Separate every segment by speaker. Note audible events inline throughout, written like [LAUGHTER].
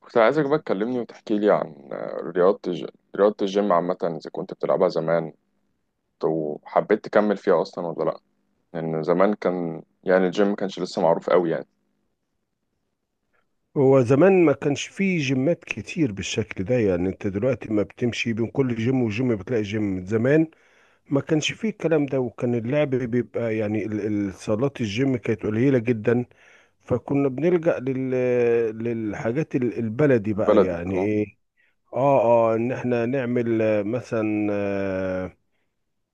Speaker 1: كنت عايزك بقى تكلمني وتحكي لي عن رياضة الج... رياضة الجيم عامة، إذا كنت بتلعبها زمان وحبيت تكمل فيها أصلا ولا لأ. لأن زمان كان يعني الجيم ما كانش لسه معروف أوي يعني
Speaker 2: هو زمان ما كانش فيه جيمات كتير بالشكل ده، يعني انت دلوقتي ما بتمشي بين كل جيم وجيم بتلاقي جيم. زمان ما كانش فيه الكلام ده، وكان اللعب بيبقى يعني صالات الجيم كانت قليلة جدا. فكنا بنلجأ للحاجات البلدي
Speaker 1: في
Speaker 2: بقى،
Speaker 1: بلدي.
Speaker 2: يعني
Speaker 1: اه.
Speaker 2: ايه. اه، اه ان احنا نعمل مثلا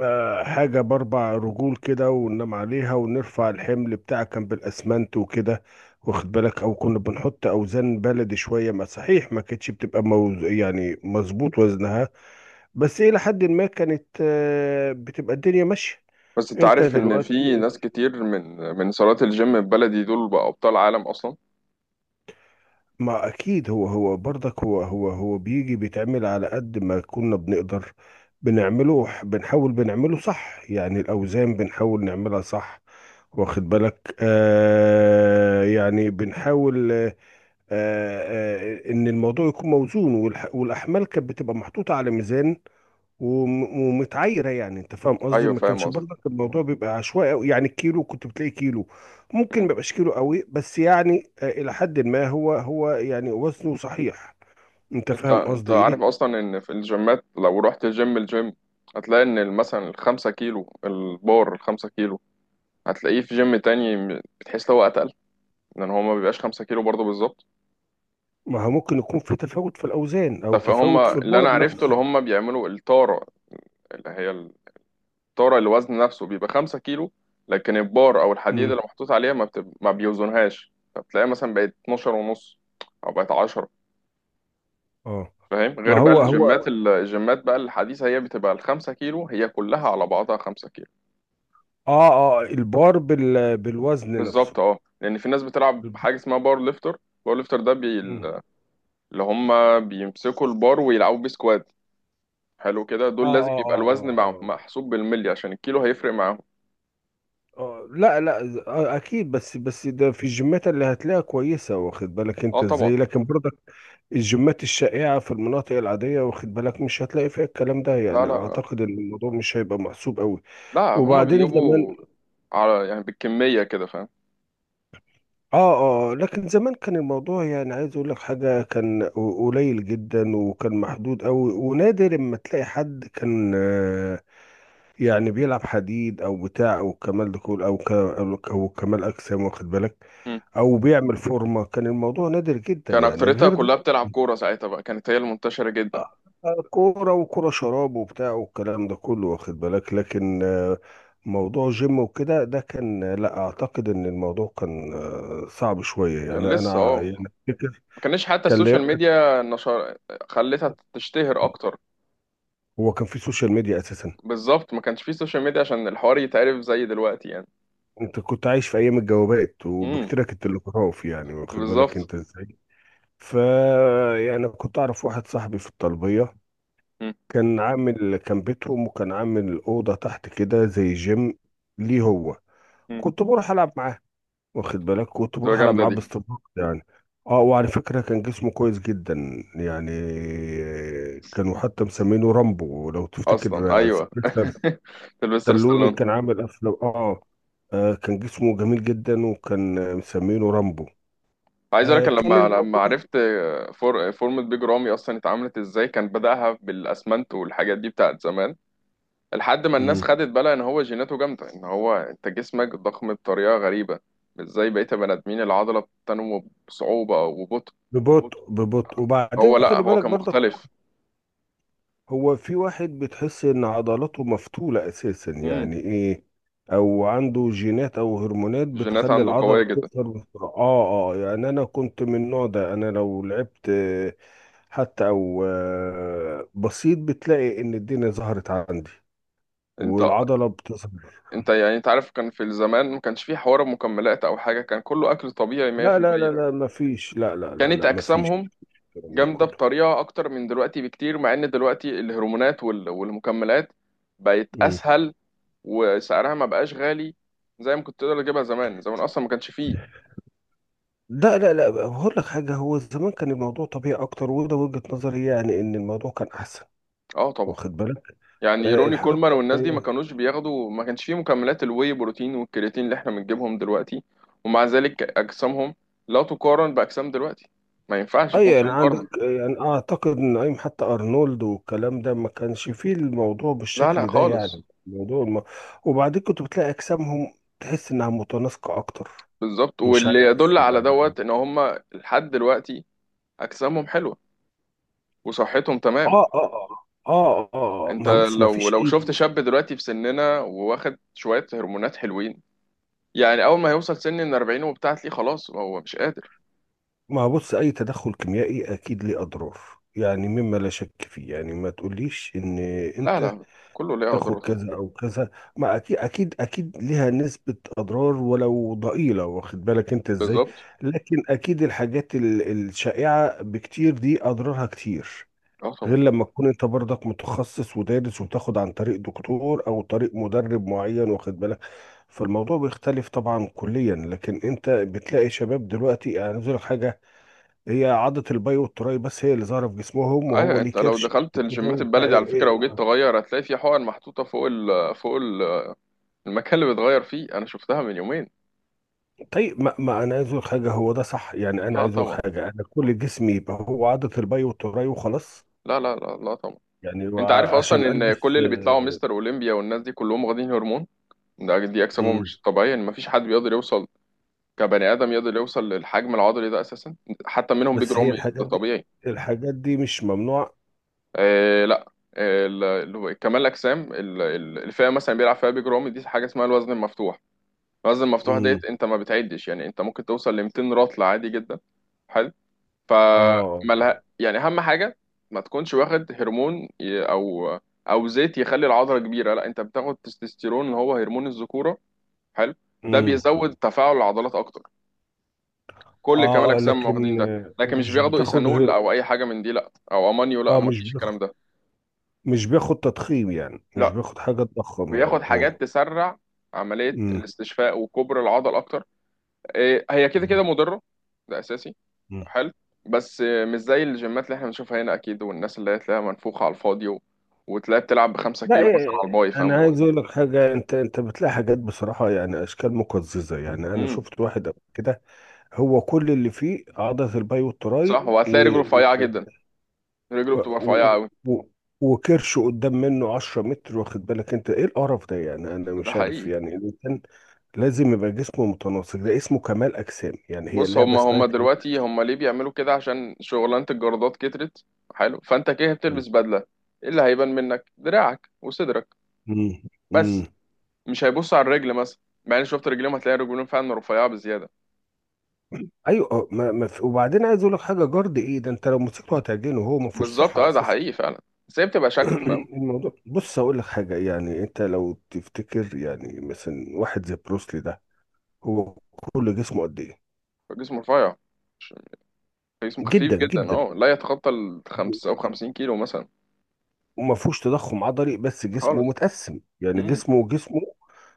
Speaker 2: حاجة بأربع رجول كده وننام عليها ونرفع الحمل بتاعها، كان بالأسمنت وكده، واخد بالك. أو كنا بنحط أوزان بلدي شوية، ما صحيح ما كانتش بتبقى موز يعني مظبوط وزنها، بس إلى حد ما كانت، بتبقى الدنيا ماشية.
Speaker 1: بس أنت
Speaker 2: أنت
Speaker 1: عارف إن في
Speaker 2: دلوقتي،
Speaker 1: ناس كتير من صالات الجيم البلدي دول بقى أبطال عالم أصلا.
Speaker 2: ما اكيد، هو برضك هو بيجي بيتعمل على قد ما كنا بنقدر بنعمله، بنحاول بنعمله صح، يعني الاوزان بنحاول نعملها صح، واخد بالك. آه يعني بنحاول، ان الموضوع يكون موزون. والاحمال كانت بتبقى محطوطة على ميزان ومتعايره، يعني انت فاهم قصدي.
Speaker 1: أيوه،
Speaker 2: ما
Speaker 1: فاهم
Speaker 2: كانش
Speaker 1: قصدك.
Speaker 2: برضك الموضوع بيبقى عشوائي قوي، يعني الكيلو كنت بتلاقي كيلو ممكن ما
Speaker 1: مم.
Speaker 2: يبقاش كيلو قوي، بس يعني الى حد ما هو يعني وزنه صحيح. انت
Speaker 1: أنت
Speaker 2: فاهم
Speaker 1: أنت
Speaker 2: قصدي ايه.
Speaker 1: عارف أصلا إن في الجيمات، لو رحت الجيم هتلاقي إن مثلا الخمسة كيلو البار الخمسة كيلو هتلاقيه في جيم تاني بتحس هو أتقل، لان هو ما بيبقاش 5 كيلو برضه بالظبط.
Speaker 2: ما هو ممكن يكون في تفاوت في الاوزان
Speaker 1: طب
Speaker 2: او
Speaker 1: فهم
Speaker 2: تفاوت في
Speaker 1: اللي
Speaker 2: البار
Speaker 1: انا عرفته اللي
Speaker 2: نفسه.
Speaker 1: هم بيعملوا التاره، اللي هي التاره اللي وزن نفسه بيبقى 5 كيلو، لكن البار او الحديد
Speaker 2: امم،
Speaker 1: اللي محطوط عليها ما بيوزنهاش، فبتلاقيها مثلا بقت 12 ونص او بقت 10.
Speaker 2: اه.
Speaker 1: فاهم؟ غير
Speaker 2: ما
Speaker 1: بقى،
Speaker 2: هو
Speaker 1: ايوه
Speaker 2: هو
Speaker 1: الجيمات، ايوه الجيمات بقى الحديثه هي بتبقى ال 5 كيلو، هي كلها على بعضها 5 كيلو.
Speaker 2: اه. اه، البار بالوزن نفسه.
Speaker 1: بالظبط، اه، لان في ناس بتلعب
Speaker 2: بالب-
Speaker 1: حاجه اسمها بار ليفتر. بار ليفتر ده
Speaker 2: مم.
Speaker 1: اللي هم بيمسكوا البار ويلعبوا بيه سكوات، حلو، كده دول لازم يبقى الوزن
Speaker 2: آه.
Speaker 1: محسوب بالملي عشان الكيلو هيفرق معاهم.
Speaker 2: لا لا، اكيد، بس ده في الجيمات اللي هتلاقيها كويسه، واخد بالك
Speaker 1: اه
Speaker 2: انت
Speaker 1: طبعا.
Speaker 2: ازاي، لكن برضك الجيمات الشائعه في المناطق العاديه، واخد بالك، مش هتلاقي فيها الكلام ده،
Speaker 1: لا
Speaker 2: يعني
Speaker 1: لا لا
Speaker 2: اعتقد ان الموضوع مش هيبقى محسوب قوي.
Speaker 1: لا، هما
Speaker 2: وبعدين
Speaker 1: بيجيبوا
Speaker 2: زمان،
Speaker 1: على يعني بالكمية كده، فاهم؟
Speaker 2: اه آه، لكن زمان كان الموضوع، يعني عايز اقول لك حاجه، كان قليل جدا وكان محدود قوي ونادر اما تلاقي حد كان يعني بيلعب حديد او بتاع، او كمال دخول او ك... او كمال اجسام، واخد بالك،
Speaker 1: مم.
Speaker 2: او بيعمل فورمه. كان الموضوع نادر جدا
Speaker 1: كان
Speaker 2: يعني،
Speaker 1: أكتريتها
Speaker 2: غير دي
Speaker 1: كلها بتلعب كورة ساعتها بقى، كانت هي المنتشرة جدا.
Speaker 2: آه، كوره وكوره شراب وبتاع والكلام ده كله، واخد بالك. لكن موضوع جيم وكده، ده كان لا اعتقد ان الموضوع كان صعب شويه
Speaker 1: كان
Speaker 2: يعني،
Speaker 1: لسه،
Speaker 2: انا
Speaker 1: اه،
Speaker 2: يعني أفتكر.
Speaker 1: ما كانش حتى
Speaker 2: كان ليا
Speaker 1: السوشيال
Speaker 2: واحد-
Speaker 1: ميديا نشر خلتها تشتهر أكتر.
Speaker 2: هو كان في سوشيال ميديا اساسا؟
Speaker 1: بالظبط، ما كانش فيه سوشيال ميديا عشان الحوار يتعرف زي دلوقتي يعني.
Speaker 2: انت كنت عايش في ايام الجوابات،
Speaker 1: امم.
Speaker 2: وبكتيرك التلغراف يعني، واخد بالك
Speaker 1: بالظبط.
Speaker 2: انت ازاي. ف، يعني كنت اعرف واحد صاحبي في الطلبيه،
Speaker 1: امم.
Speaker 2: كان بيتهم، وكان عامل اوضه تحت كده زي جيم ليه هو. كنت بروح العب معاه، واخد بالك، كنت
Speaker 1: تبقى
Speaker 2: بروح العب
Speaker 1: جامدة
Speaker 2: معاه
Speaker 1: دي
Speaker 2: باستمرار يعني. اه، وعلى فكره كان جسمه كويس جدا يعني، كانوا حتى مسمينه رامبو، لو
Speaker 1: أصلا.
Speaker 2: تفتكر
Speaker 1: أيوه
Speaker 2: سيلفستر
Speaker 1: [LAUGHS] سيلفستر
Speaker 2: ستالوني،
Speaker 1: ستالون.
Speaker 2: كان عامل افلام. اه، كان جسمه جميل جدا، وكان مسمينه رامبو.
Speaker 1: عايز اقول لك،
Speaker 2: كان
Speaker 1: لما
Speaker 2: الموضوع.
Speaker 1: عرفت فورمة بيج رامي اصلا اتعملت ازاي، كان بدأها بالاسمنت والحاجات دي بتاعت زمان، لحد ما الناس
Speaker 2: مم.
Speaker 1: خدت بالها ان هو جيناته جامده، ان هو انت جسمك ضخم بطريقه غريبه مش زي بقيه البني ادمين. العضله بتنمو بصعوبه وببطء.
Speaker 2: ببطء، ببطء، وبعدين
Speaker 1: هو، لا،
Speaker 2: خلي
Speaker 1: هو
Speaker 2: بالك
Speaker 1: كان
Speaker 2: برضك،
Speaker 1: مختلف.
Speaker 2: هو في واحد بتحس ان عضلاته مفتولة اساسا،
Speaker 1: امم.
Speaker 2: يعني ايه، او عنده جينات او هرمونات
Speaker 1: الجينات
Speaker 2: بتخلي
Speaker 1: عنده
Speaker 2: العضلة
Speaker 1: قويه جدا.
Speaker 2: تظهر بسرعة، اه اه، يعني انا كنت من النوع ده. انا لو لعبت حتى او بسيط، بتلاقي ان الدنيا ظهرت عندي
Speaker 1: انت
Speaker 2: والعضلة بتظهر.
Speaker 1: انت يعني انت عارف كان في الزمان ما كانش في حوار مكملات او حاجه، كان كله اكل طبيعي
Speaker 2: لا لا
Speaker 1: 100%.
Speaker 2: لا لا، مفيش، لا لا لا
Speaker 1: كانت
Speaker 2: لا، مفيش
Speaker 1: اجسامهم
Speaker 2: الكلام ده
Speaker 1: جامده
Speaker 2: كله.
Speaker 1: بطريقه اكتر من دلوقتي بكتير، مع ان دلوقتي الهرمونات والمكملات بقت اسهل، وسعرها ما بقاش غالي زي ما كنت تقدر تجيبها. زمان، زمان اصلا ما كانش فيه.
Speaker 2: لا لا لا، هقول لك حاجة، هو زمان كان الموضوع طبيعي أكتر، وده وجهة نظري، يعني إن الموضوع كان أحسن،
Speaker 1: اه طبعا.
Speaker 2: واخد بالك.
Speaker 1: يعني
Speaker 2: آه،
Speaker 1: روني
Speaker 2: الحاجة
Speaker 1: كولمان والناس دي ما
Speaker 2: الطبيعية.
Speaker 1: كانوش بياخدوا، ما كانش فيه مكملات الواي بروتين والكرياتين اللي احنا بنجيبهم دلوقتي، ومع ذلك اجسامهم لا تقارن باجسام دلوقتي. ما ينفعش
Speaker 2: أي
Speaker 1: يكون في
Speaker 2: يعني عندك،
Speaker 1: مقارنه.
Speaker 2: يعني أعتقد إن أيام حتى أرنولد والكلام ده ما كانش فيه الموضوع
Speaker 1: لا لا
Speaker 2: بالشكل ده،
Speaker 1: خالص.
Speaker 2: يعني وبعدين كنت بتلاقي أجسامهم تحس إنها متناسقة أكتر،
Speaker 1: بالظبط،
Speaker 2: مش
Speaker 1: واللي
Speaker 2: عارف
Speaker 1: يدل على
Speaker 2: يعني.
Speaker 1: دوت ان هم لحد دلوقتي اجسامهم حلوه وصحتهم تمام.
Speaker 2: آه آه
Speaker 1: انت
Speaker 2: ما بص، ما
Speaker 1: لو
Speaker 2: فيش
Speaker 1: لو
Speaker 2: أي،
Speaker 1: شفت شاب دلوقتي في سننا وواخد شوية هرمونات حلوين، يعني اول ما يوصل سن ال 40 وبتاع تلاقيه خلاص هو مش قادر.
Speaker 2: ما بص، اي تدخل كيميائي اكيد ليه اضرار، يعني مما لا شك فيه، يعني ما تقوليش ان
Speaker 1: لا
Speaker 2: انت
Speaker 1: لا، كله ليه
Speaker 2: تاخد
Speaker 1: اضراره طبعا.
Speaker 2: كذا او كذا، ما اكيد اكيد اكيد ليها نسبة اضرار ولو ضئيلة، واخد بالك انت ازاي.
Speaker 1: بالظبط.
Speaker 2: لكن اكيد الحاجات الشائعة بكتير دي اضرارها كتير،
Speaker 1: اه طبعا.
Speaker 2: غير لما تكون انت برضك متخصص ودارس، وتاخد عن طريق دكتور او طريق مدرب معين، واخد بالك. فالموضوع بيختلف طبعا كليا، لكن انت بتلاقي شباب دلوقتي، يعني عايز أقول لك حاجة، هي عضة الباي والتراي بس هي اللي ظاهرة في جسمهم، وهو
Speaker 1: ايوه
Speaker 2: ليه
Speaker 1: انت لو
Speaker 2: كرش
Speaker 1: دخلت
Speaker 2: كده
Speaker 1: الجيمات
Speaker 2: وبتاع.
Speaker 1: البلدي على
Speaker 2: إيه،
Speaker 1: فكرة
Speaker 2: إيه.
Speaker 1: وجيت تغير هتلاقي في حقن محطوطة فوق ال، فوق ال المكان اللي بتغير فيه، انا شفتها من يومين.
Speaker 2: طيب، ما، ما أنا عايز أقول حاجة، هو ده صح، يعني أنا
Speaker 1: لا
Speaker 2: عايز أقول
Speaker 1: طبعا،
Speaker 2: حاجة، أنا كل جسمي يبقى هو عضة الباي والتراي وخلاص
Speaker 1: لا لا لا لا طبعا.
Speaker 2: يعني؟
Speaker 1: انت عارف
Speaker 2: عشان
Speaker 1: اصلا ان كل
Speaker 2: ألبس
Speaker 1: اللي بيطلعوا مستر اولمبيا والناس دي كلهم واخدين هرمون، ده دي اجسامهم
Speaker 2: مم.
Speaker 1: مش طبيعية، ان مفيش حد بيقدر يوصل كبني ادم يقدر يوصل للحجم العضلي ده اساسا. حتى منهم بيج
Speaker 2: بس هي
Speaker 1: رامي ده
Speaker 2: الحاجات دي،
Speaker 1: طبيعي.
Speaker 2: الحاجات دي مش ممنوعة.
Speaker 1: آه لا آه، كمال الاجسام الفئه مثلا بيلعب فيها بيج رامي دي حاجه اسمها الوزن المفتوح. الوزن المفتوح
Speaker 2: مم.
Speaker 1: ديت انت ما بتعدش، يعني انت ممكن توصل ل 200 رطل عادي جدا. حلو،
Speaker 2: آه.
Speaker 1: فمالها يعني؟ اهم حاجه ما تكونش واخد هرمون او زيت يخلي العضله كبيره. لا، انت بتاخد تستوستيرون اللي هو هرمون الذكوره. حلو. ده
Speaker 2: مم.
Speaker 1: بيزود تفاعل العضلات اكتر. كل كمال
Speaker 2: آه
Speaker 1: الاجسام واخدين
Speaker 2: لكن
Speaker 1: ده، لكن مش
Speaker 2: مش
Speaker 1: بياخدوا
Speaker 2: بتاخد.
Speaker 1: ايثانول او اي حاجه من دي، لا او امونيو لا،
Speaker 2: آه،
Speaker 1: ما
Speaker 2: مش
Speaker 1: فيش الكلام
Speaker 2: بياخد،
Speaker 1: ده.
Speaker 2: مش بياخد تضخيم، يعني مش
Speaker 1: لا،
Speaker 2: بياخد حاجة تضخم يعني.
Speaker 1: بياخد حاجات
Speaker 2: آه.
Speaker 1: تسرع عمليه
Speaker 2: مم.
Speaker 1: الاستشفاء وكبر العضل اكتر. إيه، هي كده كده مضره، ده اساسي.
Speaker 2: مم.
Speaker 1: حلو. بس مش زي الجيمات اللي احنا بنشوفها هنا اكيد، والناس اللي هي تلاقيها منفوخه على الفاضي، وتلاقيها بتلعب بخمسة
Speaker 2: لا،
Speaker 1: كيلو مثلا
Speaker 2: إيه،
Speaker 1: على الباي،
Speaker 2: انا
Speaker 1: فاهم؟
Speaker 2: عايز اقول لك حاجه، انت انت بتلاقي حاجات بصراحه، يعني اشكال مقززه، يعني انا
Speaker 1: مم.
Speaker 2: شفت واحد قبل كده هو كل اللي فيه عضله الباي
Speaker 1: صح،
Speaker 2: والتراي
Speaker 1: وهتلاقي رجله رفيعه جدا، رجله
Speaker 2: و...
Speaker 1: بتبقى رفيعه قوي.
Speaker 2: و... وكرش قدام منه 10 متر، واخد بالك انت ايه القرف ده يعني، انا
Speaker 1: ده
Speaker 2: مش عارف،
Speaker 1: حقيقي.
Speaker 2: يعني الانسان لازم يبقى جسمه متناسق، ده اسمه كمال اجسام، يعني هي
Speaker 1: بص،
Speaker 2: اللعبه
Speaker 1: هما
Speaker 2: اسمها
Speaker 1: هما
Speaker 2: كمال.
Speaker 1: دلوقتي هما ليه بيعملوا كده؟ عشان شغلانة الجردات كترت. حلو، فانت كده
Speaker 2: مم.
Speaker 1: بتلبس بدلة، ايه اللي هيبان منك؟ دراعك وصدرك
Speaker 2: مم.
Speaker 1: بس،
Speaker 2: مم.
Speaker 1: مش هيبص على الرجل مثلا. مع ان شفت رجليهم، هتلاقي رجلهم فعلا رفيعة بزيادة.
Speaker 2: ايوه، ما ما في، وبعدين عايز اقول لك حاجه، جارد ايه ده، انت لو مسكته هتعجنه، هو ما فيهوش
Speaker 1: بالظبط،
Speaker 2: صحه
Speaker 1: اه، ده
Speaker 2: اساسا.
Speaker 1: حقيقي فعلا. بس هي بتبقى شكل، فاهم.
Speaker 2: [CLEARS THROAT] الموضوع، بص هقول لك حاجة، يعني انت لو تفتكر، يعني مثلا واحد زي بروسلي ده، هو كل جسمه قد ايه؟
Speaker 1: جسم رفيع، مش- جسم خفيف
Speaker 2: جدا
Speaker 1: جدا،
Speaker 2: جدا،
Speaker 1: اه، لا يتخطى ال 55 كيلو مثلا.
Speaker 2: وما فيهوش تضخم عضلي، بس جسمه
Speaker 1: خالص.
Speaker 2: متقسم، يعني
Speaker 1: امم.
Speaker 2: جسمه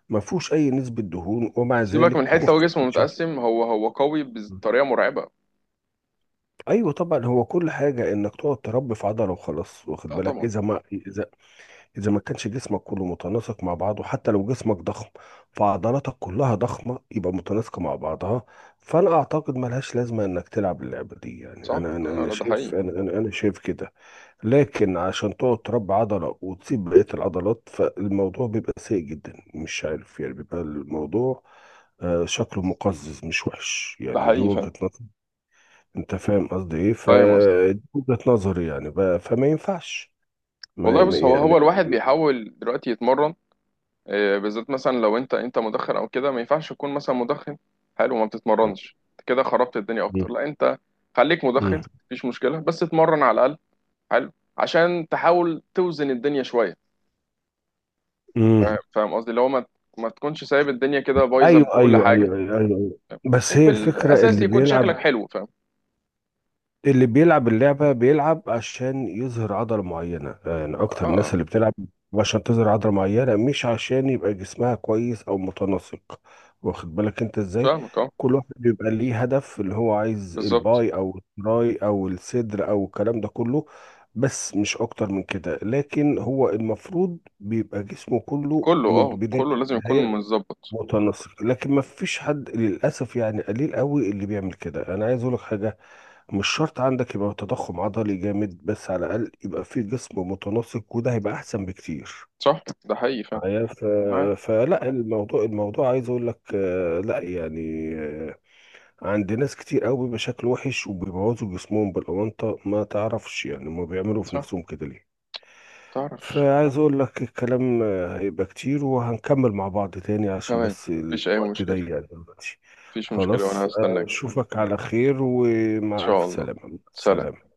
Speaker 2: ما فيهوش اي نسبة دهون، ومع
Speaker 1: سيبك من
Speaker 2: ذلك
Speaker 1: حيث لو
Speaker 2: خف.
Speaker 1: جسمه متقسم، هو قوي بطريقة مرعبة.
Speaker 2: ايوه طبعا، هو كل حاجة انك تقعد تربي في عضلة وخلاص، واخد
Speaker 1: لا
Speaker 2: بالك.
Speaker 1: طبعا.
Speaker 2: اذا، اذا ما كانش جسمك كله متناسق مع بعضه، حتى لو جسمك ضخم فعضلاتك كلها ضخمه، يبقى متناسقه مع بعضها. فانا اعتقد ملهاش لازمه انك تلعب اللعبه دي، يعني
Speaker 1: صح، انا،
Speaker 2: انا
Speaker 1: لا، ده حقيقي.
Speaker 2: شايف، انا شايف كده. لكن عشان تقعد تربي عضله وتسيب بقيه العضلات، فالموضوع بيبقى سيء جدا، مش عارف يعني، بيبقى الموضوع شكله مقزز، مش وحش،
Speaker 1: ده
Speaker 2: يعني دي
Speaker 1: حقيقي فعلا،
Speaker 2: وجهة نظر. انت فاهم قصدي ايه،
Speaker 1: فاهم.
Speaker 2: فدي وجهة نظري يعني بقى، فما ينفعش،
Speaker 1: والله بص، هو
Speaker 2: يعني.
Speaker 1: هو الواحد بيحاول دلوقتي يتمرن، بالذات مثلا لو انت مدخن او كده. ما ينفعش تكون مثلا مدخن، حلو، وما بتتمرنش، انت كده خربت الدنيا اكتر. لا
Speaker 2: [LAUGHS]
Speaker 1: انت خليك
Speaker 2: مم.
Speaker 1: مدخن مفيش مشكله، بس اتمرن على الاقل. حلو، عشان تحاول توزن الدنيا شويه،
Speaker 2: مم.
Speaker 1: فاهم قصدي، اللي هو ما تكونش سايب الدنيا كده بايظه من كل حاجه،
Speaker 2: ايوه، بس
Speaker 1: وفي
Speaker 2: هي الفكره.
Speaker 1: الاساس يكون شكلك حلو، فاهم.
Speaker 2: اللي بيلعب اللعبه بيلعب عشان يظهر عضله معينه، يعني
Speaker 1: اه
Speaker 2: اكتر الناس
Speaker 1: آه،
Speaker 2: اللي بتلعب عشان تظهر عضله معينه، مش عشان يبقى جسمها كويس او متناسق، واخد بالك انت ازاي.
Speaker 1: فاهمك اه.
Speaker 2: كل واحد بيبقى ليه هدف، اللي هو عايز
Speaker 1: بالظبط،
Speaker 2: الباي او التراي او الصدر او الكلام ده كله، بس مش اكتر من كده. لكن هو المفروض بيبقى جسمه كله
Speaker 1: كله
Speaker 2: من
Speaker 1: اه كله
Speaker 2: البدايه
Speaker 1: لازم يكون متظبط.
Speaker 2: متناسق، لكن ما فيش حد للاسف، يعني قليل قوي اللي بيعمل كده. انا عايز اقول لك حاجه، مش شرط عندك يبقى تضخم عضلي جامد، بس على الاقل يبقى في جسم متناسق، وده هيبقى احسن بكتير
Speaker 1: صح، ده حقيقي، فاهم.
Speaker 2: معايا.
Speaker 1: معاك.
Speaker 2: فلا الموضوع، الموضوع، عايز اقول لك لا يعني عند ناس كتير قوي بيبقى شكله وحش، وبيبوظوا جسمهم بالاونطه، ما تعرفش يعني ما بيعملوا في
Speaker 1: صح.
Speaker 2: نفسهم كده ليه.
Speaker 1: تعرف.
Speaker 2: فعايز اقول لك الكلام هيبقى كتير، وهنكمل مع بعض تاني، عشان
Speaker 1: تمام.
Speaker 2: بس
Speaker 1: مفيش أي
Speaker 2: الوقت
Speaker 1: مشكلة.
Speaker 2: ضيق يعني دلوقتي.
Speaker 1: مفيش مشكلة، وأنا
Speaker 2: خلاص،
Speaker 1: هستناك.
Speaker 2: اشوفك على خير،
Speaker 1: إن
Speaker 2: ومع الف
Speaker 1: شاء الله.
Speaker 2: سلامة.
Speaker 1: سلام.
Speaker 2: سلام.